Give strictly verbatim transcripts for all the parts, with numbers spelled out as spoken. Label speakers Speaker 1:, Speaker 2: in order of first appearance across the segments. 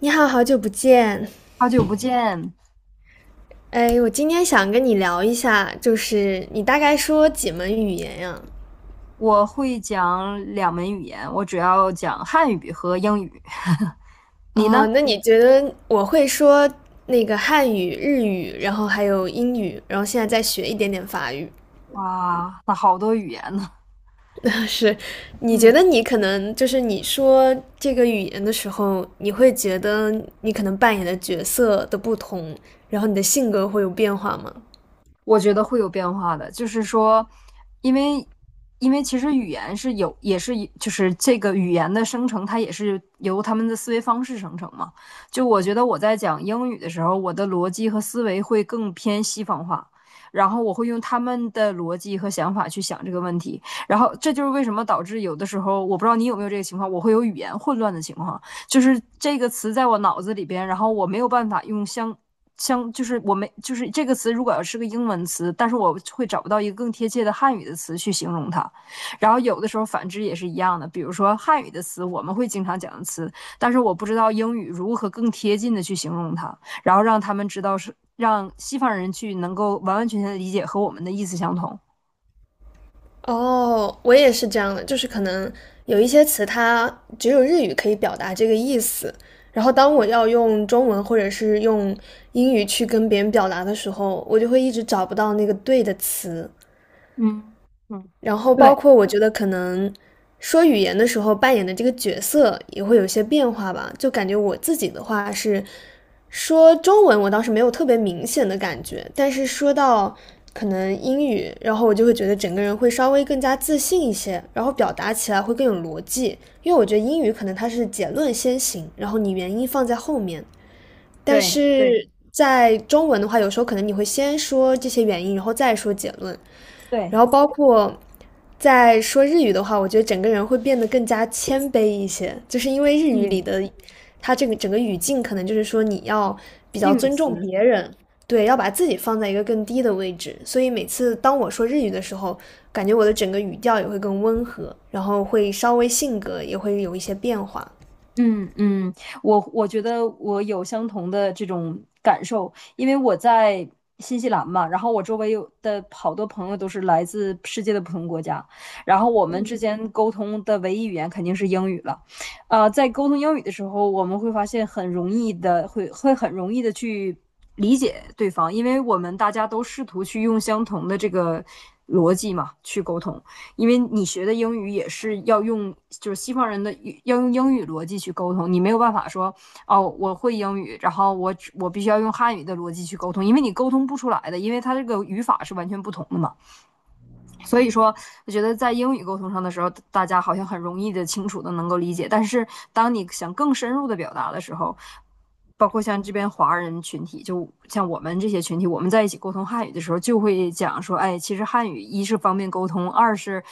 Speaker 1: 你好，好久不见。
Speaker 2: 好久不见，
Speaker 1: 哎，我今天想跟你聊一下，就是你大概说几门语言呀？
Speaker 2: 我会讲两门语言，我主要讲汉语和英语。你
Speaker 1: 哦，
Speaker 2: 呢？
Speaker 1: 那你觉得我会说那个汉语、日语，然后还有英语，然后现在再学一点点法语。
Speaker 2: 哇，那好多语言呢。
Speaker 1: 是，你觉
Speaker 2: 嗯，
Speaker 1: 得你可能就是你说这个语言的时候，你会觉得你可能扮演的角色的不同，然后你的性格会有变化吗？
Speaker 2: 我觉得会有变化的，就是说，因为因为其实语言是有，也是就是这个语言的生成，它也是由他们的思维方式生成嘛。就我觉得我在讲英语的时候，我的逻辑和思维会更偏西方化，然后我会用他们的逻辑和想法去想这个问题，然后这就是为什么导致有的时候，我不知道你有没有这个情况，我会有语言混乱的情况，就是这个词在我脑子里边，然后我没有办法用相像就是我们就是这个词，如果要是个英文词，但是我会找不到一个更贴切的汉语的词去形容它。然后有的时候反之也是一样的，比如说汉语的词我们会经常讲的词，但是我不知道英语如何更贴近的去形容它，然后让他们知道是让西方人去能够完完全全的理解和我们的意思相同。
Speaker 1: 哦，我也是这样的，就是可能有一些词它只有日语可以表达这个意思，然后当我要用中文或者是用英语去跟别人表达的时候，我就会一直找不到那个对的词。
Speaker 2: 嗯嗯，
Speaker 1: 然后包
Speaker 2: 对
Speaker 1: 括我觉得可能说语言的时候扮演的这个角色也会有些变化吧，就感觉我自己的话是说中文，我倒是没有特别明显的感觉，但是说到可能英语，然后我就会觉得整个人会稍微更加自信一些，然后表达起来会更有逻辑，因为我觉得英语可能它是结论先行，然后你原因放在后面，但
Speaker 2: 对对
Speaker 1: 是在中文的话，有时候可能你会先说这些原因，然后再说结论，
Speaker 2: 对，
Speaker 1: 然后包括在说日语的话，我觉得整个人会变得更加谦卑一些，就是因为日语里
Speaker 2: 嗯，
Speaker 1: 的它这个整个语境，可能就是说你要比较
Speaker 2: 定语
Speaker 1: 尊重
Speaker 2: 词。
Speaker 1: 别人，对，要把自己放在一个更低的位置，所以每次当我说日语的时候，感觉我的整个语调也会更温和，然后会稍微性格也会有一些变化。
Speaker 2: 嗯嗯，我我觉得我有相同的这种感受，因为我在新西兰嘛，然后我周围有的好多朋友都是来自世界的不同国家，然后我们之间沟通的唯一语言肯定是英语了，呃，在沟通英语的时候，我们会发现很容易的会会很容易的去理解对方，因为我们大家都试图去用相同的这个逻辑嘛去沟通。因为你学的英语也是要用，就是西方人的要用英语逻辑去沟通，你没有办法说哦，我会英语，然后我我必须要用汉语的逻辑去沟通，因为你沟通不出来的，因为它这个语法是完全不同的嘛。所以说，我觉得在英语沟通上的时候，大家好像很容易的、清楚的能够理解。但是，当你想更深入的表达的时候，包括像这边华人群体，就像我们这些群体，我们在一起沟通汉语的时候，就会讲说，哎，其实汉语一是方便沟通，二是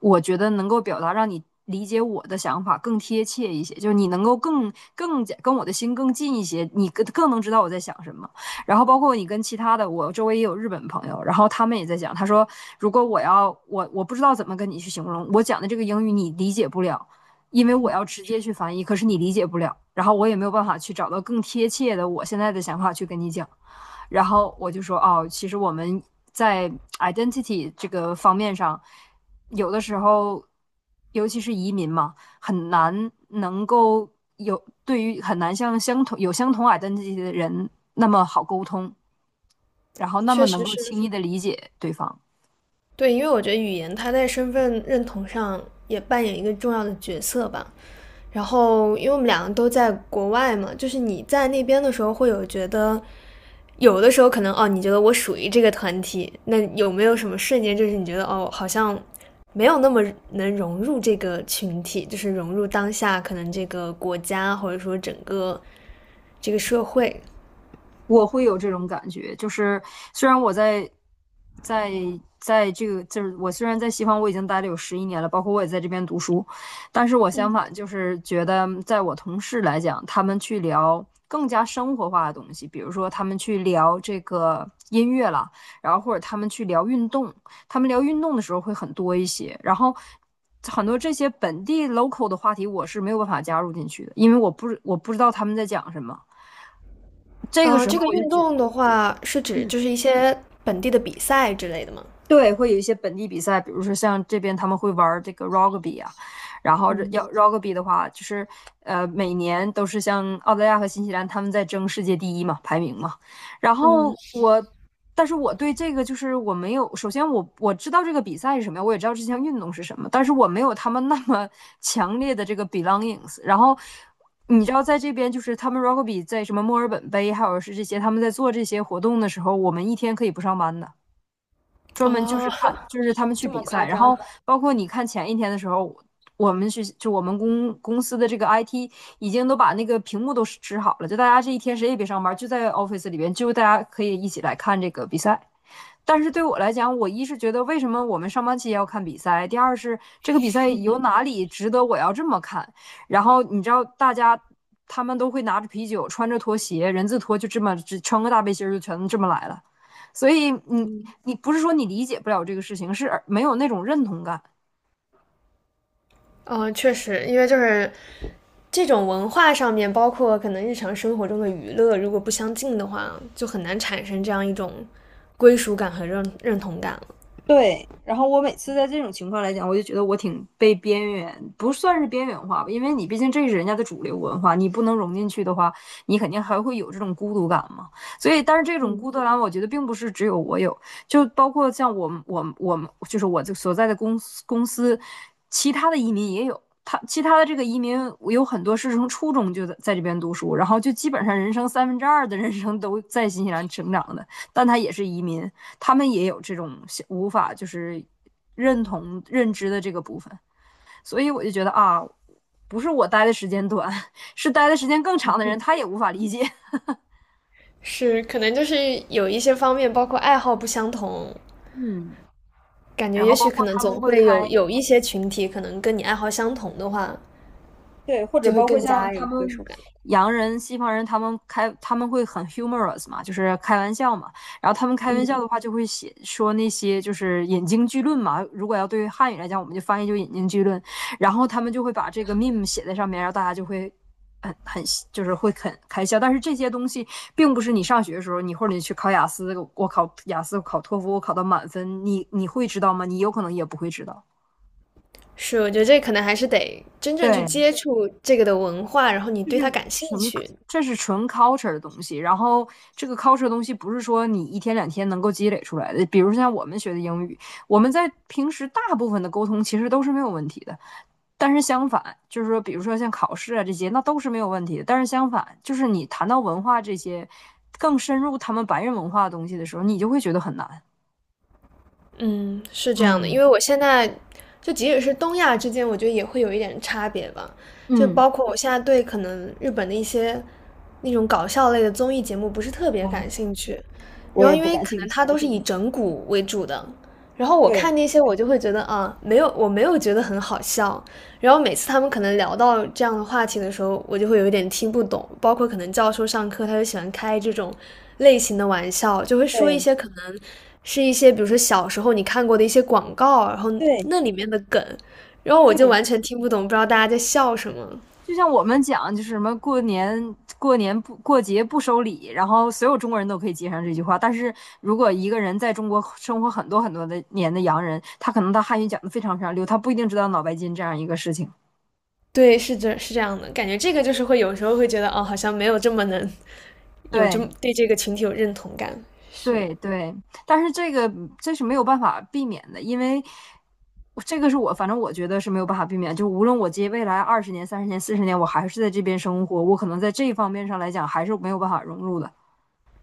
Speaker 2: 我觉得能够表达让你理解我的想法更贴切一些，就是你能够更更加跟我的心更近一些，你更更能知道我在想什么。然后包括你跟其他的，我周围也有日本朋友，然后他们也在讲，他说如果我要我我不知道怎么跟你去形容我讲的这个英语你理解不了，因为我要直接去翻译，可是你理解不了，然后我也没有办法去找到更贴切的我现在的想法去跟你讲。然后我就说，哦，其实我们在 identity 这个方面上，有的时候，尤其是移民嘛，很难能够有对于很难像相同有相同 identity 的人那么好沟通，然后那么
Speaker 1: 确
Speaker 2: 能
Speaker 1: 实
Speaker 2: 够
Speaker 1: 是，
Speaker 2: 轻易的理解对方。
Speaker 1: 对，因为我觉得语言它在身份认同上也扮演一个重要的角色吧。然后，因为我们两个都在国外嘛，就是你在那边的时候会有觉得，有的时候可能哦，你觉得我属于这个团体，那有没有什么瞬间，就是你觉得哦，好像没有那么能融入这个群体，就是融入当下可能这个国家或者说整个这个社会。
Speaker 2: 我会有这种感觉，就是虽然我在在在这个，就是我虽然在西方我已经待了有十一年了，包括我也在这边读书，但是我相反就是觉得，在我同事来讲，他们去聊更加生活化的东西，比如说他们去聊这个音乐啦，然后或者他们去聊运动，他们聊运动的时候会很多一些，然后。很多这些本地 local 的话题，我是没有办法加入进去的，因为我不我不知道他们在讲什么。这个
Speaker 1: 啊、
Speaker 2: 时候
Speaker 1: 这个
Speaker 2: 我就
Speaker 1: 运
Speaker 2: 觉，
Speaker 1: 动的话是指就是一些本地的比赛之类的吗？
Speaker 2: 对，会有一些本地比赛，比如说像这边他们会玩儿这个 rugby 啊，然后这
Speaker 1: 嗯，
Speaker 2: 要 rugby 的话，就是呃每年都是像澳大利亚和新西兰他们在争世界第一嘛，排名嘛。然后
Speaker 1: 嗯，
Speaker 2: 我，但是我对这个就是我没有，首先我我知道这个比赛是什么样，我也知道这项运动是什么，但是我没有他们那么 强烈的这个 belongings。然后你知道，在这边就是他们 rugby 在什么墨尔本杯，还有是这些他们在做这些活动的时候，我们一天可以不上班的。专门就
Speaker 1: 哦，
Speaker 2: 是看，就是他们 去
Speaker 1: 这么
Speaker 2: 比
Speaker 1: 夸
Speaker 2: 赛，然
Speaker 1: 张？
Speaker 2: 后包括你看前一天的时候，我们去就我们公公司的这个 I T 已经都把那个屏幕都支好了，就大家这一天谁也别上班，就在 office 里边，就大家可以一起来看这个比赛。但是对我来讲，我一是觉得为什么我们上班期要看比赛，第二是这个比赛有哪里值得我要这么看。然后你知道，大家他们都会拿着啤酒，穿着拖鞋，人字拖，就这么只穿个大背心就全这么来了。所以你你不是说你理解不了这个事情，是没有那种认同感。
Speaker 1: 嗯，确实，因为就是这种文化上面，包括可能日常生活中的娱乐，如果不相近的话，就很难产生这样一种归属感和认认同感了。
Speaker 2: 对，然后我每次在这种情况来讲，我就觉得我挺被边缘，不算是边缘化吧，因为你毕竟这是人家的主流文化，你不能融进去的话，你肯定还会有这种孤独感嘛。所以，但是这种孤独感，我觉得并不是只有我有，就包括像我们、我们、我们，就是我就所在的公司公司，其他的移民也有。他其他的这个移民，我有很多是从初中就在在这边读书，然后就基本上人生三分之二的人生都在新西兰成长的。但他也是移民，他们也有这种无法就是认同认知的这个部分，所以我就觉得啊，不是我待的时间短，是待的时间更长的人他也无法理解。
Speaker 1: 是，可能就是有一些方面，包括爱好不相同，
Speaker 2: 嗯，
Speaker 1: 感觉
Speaker 2: 然
Speaker 1: 也
Speaker 2: 后包
Speaker 1: 许可
Speaker 2: 括
Speaker 1: 能
Speaker 2: 他
Speaker 1: 总
Speaker 2: 们会
Speaker 1: 会有
Speaker 2: 开
Speaker 1: 有一些群体，可能跟你爱好相同的话，
Speaker 2: 对，或者
Speaker 1: 就会
Speaker 2: 包括
Speaker 1: 更
Speaker 2: 像
Speaker 1: 加
Speaker 2: 他
Speaker 1: 有归
Speaker 2: 们
Speaker 1: 属感。
Speaker 2: 洋人、西方人，他们开他们会很 humorous 嘛，就是开玩笑嘛。然后他们开玩笑的话，就会写说那些就是引经据论嘛。如果要对于汉语来讲，我们就翻译就引经据论。然后他们就会把这个 meme 写在上面，然后大家就会很很就是会很开笑。但是这些东西并不是你上学的时候，你或者你去考雅思，我考雅思，我考托福，我考到满分，你你会知道吗？你有可能也不会知道。
Speaker 1: 是，我觉得这可能还是得真正去
Speaker 2: 对。
Speaker 1: 接触这个的文化，然后你对它
Speaker 2: 是
Speaker 1: 感兴
Speaker 2: 纯，
Speaker 1: 趣，
Speaker 2: 这是纯 culture 的东西。然后这个 culture 的东西不是说你一天两天能够积累出来的。比如像我们学的英语，我们在平时大部分的沟通其实都是没有问题的。但是相反，就是说，比如说像考试啊这些，那都是没有问题的。但是相反，就是你谈到文化这些更深入他们白人文化的东西的时候，你就会觉得很难。
Speaker 1: 嗯，是这样的，因
Speaker 2: 嗯
Speaker 1: 为我现在就即使是东亚之间，我觉得也会有一点差别吧。就
Speaker 2: 嗯。
Speaker 1: 包括我现在对可能日本的一些那种搞笑类的综艺节目不是特别
Speaker 2: 啊，
Speaker 1: 感兴趣，
Speaker 2: 我
Speaker 1: 然后
Speaker 2: 也
Speaker 1: 因
Speaker 2: 不
Speaker 1: 为
Speaker 2: 感
Speaker 1: 可
Speaker 2: 兴
Speaker 1: 能
Speaker 2: 趣。
Speaker 1: 它都是以整蛊为主的，然后我看
Speaker 2: 对
Speaker 1: 那些我就会觉得啊，没有，我没有觉得很好笑，然后每次他们可能聊到这样的话题的时候，我就会有一点听不懂。包括可能教授上课，他就喜欢开这种类型的玩笑，就会说一
Speaker 2: 对
Speaker 1: 些可能是一些，比如说小时候你看过的一些广告，然后
Speaker 2: 对
Speaker 1: 那里面的梗，然后我就
Speaker 2: 对，
Speaker 1: 完全听不懂，不知道大家在笑什么。
Speaker 2: 就像我们讲，就是什么过年过年不过节不收礼，然后所有中国人都可以接上这句话。但是如果一个人在中国生活很多很多的年的洋人，他可能他汉语讲的非常非常溜，他不一定知道脑白金这样一个事情。
Speaker 1: 对，是这是这样的，感觉这个就是会有时候会觉得哦，好像没有这么能有这
Speaker 2: 对
Speaker 1: 么对这个群体有认同感。是，
Speaker 2: 对对，但是这个这是没有办法避免的，因为这个是我反正我觉得是没有办法避免，就无论我接未来二十年、三十年、四十年，我还是在这边生活，我可能在这一方面上来讲还是没有办法融入的。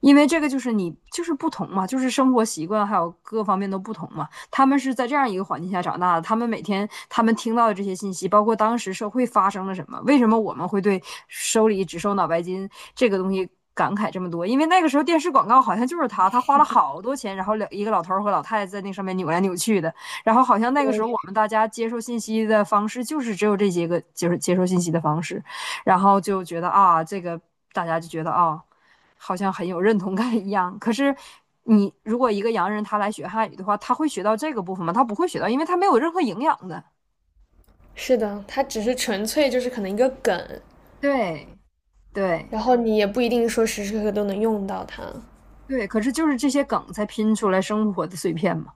Speaker 2: 因为这个就是你就是不同嘛，就是生活习惯还有各方面都不同嘛。他们是在这样一个环境下长大的，他们每天他们听到的这些信息，包括当时社会发生了什么，为什么我们会对手里只收脑白金这个东西感慨这么多？因为那个时候电视广告好像就是他，他花了好多钱，然后两一个老头和老太太在那上面扭来扭去的，然后好像那个时
Speaker 1: 对，
Speaker 2: 候我们大家接受信息的方式就是只有这些个，就是接受信息的方式，然后就觉得啊，这个大家就觉得啊。好像很有认同感一样。可是你如果一个洋人他来学汉语的话，他会学到这个部分吗？他不会学到，因为他没有任何营养的。
Speaker 1: 是的，他只是纯粹就是可能一个梗，
Speaker 2: 对
Speaker 1: 然
Speaker 2: 对
Speaker 1: 后你也不一定说时时刻刻都能用到它。
Speaker 2: 对，可是就是这些梗才拼出来生活的碎片嘛。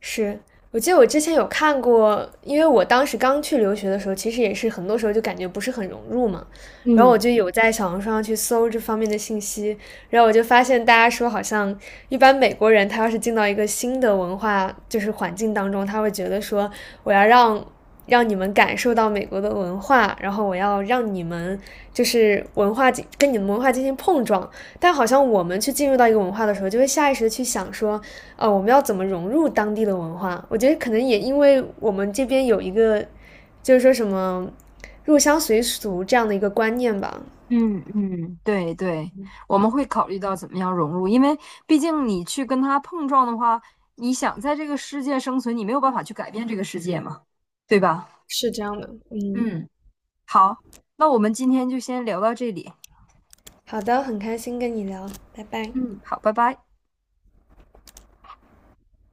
Speaker 1: 是，我记得我之前有看过，因为我当时刚去留学的时候，其实也是很多时候就感觉不是很融入嘛。然后我
Speaker 2: 嗯
Speaker 1: 就有在小红书上去搜这方面的信息，然后我就发现大家说，好像一般美国人他要是进到一个新的文化就是环境当中，他会觉得说，我要让让你们感受到美国的文化，然后我要让你们就是文化进跟你们文化进行碰撞。但好像我们去进入到一个文化的时候，就会下意识的去想说，呃，我们要怎么融入当地的文化？我觉得可能也因为我们这边有一个，就是说什么入乡随俗这样的一个观念吧，
Speaker 2: 嗯，嗯，对对，我们会考虑到怎么样融入，因为毕竟你去跟他碰撞的话，你想在这个世界生存，你没有办法去改变这个世界嘛，对吧？
Speaker 1: 是这样的。嗯，
Speaker 2: 嗯好，那我们今天就先聊到这里。
Speaker 1: 好的，很开心跟你聊，拜拜。
Speaker 2: 嗯，好，拜拜。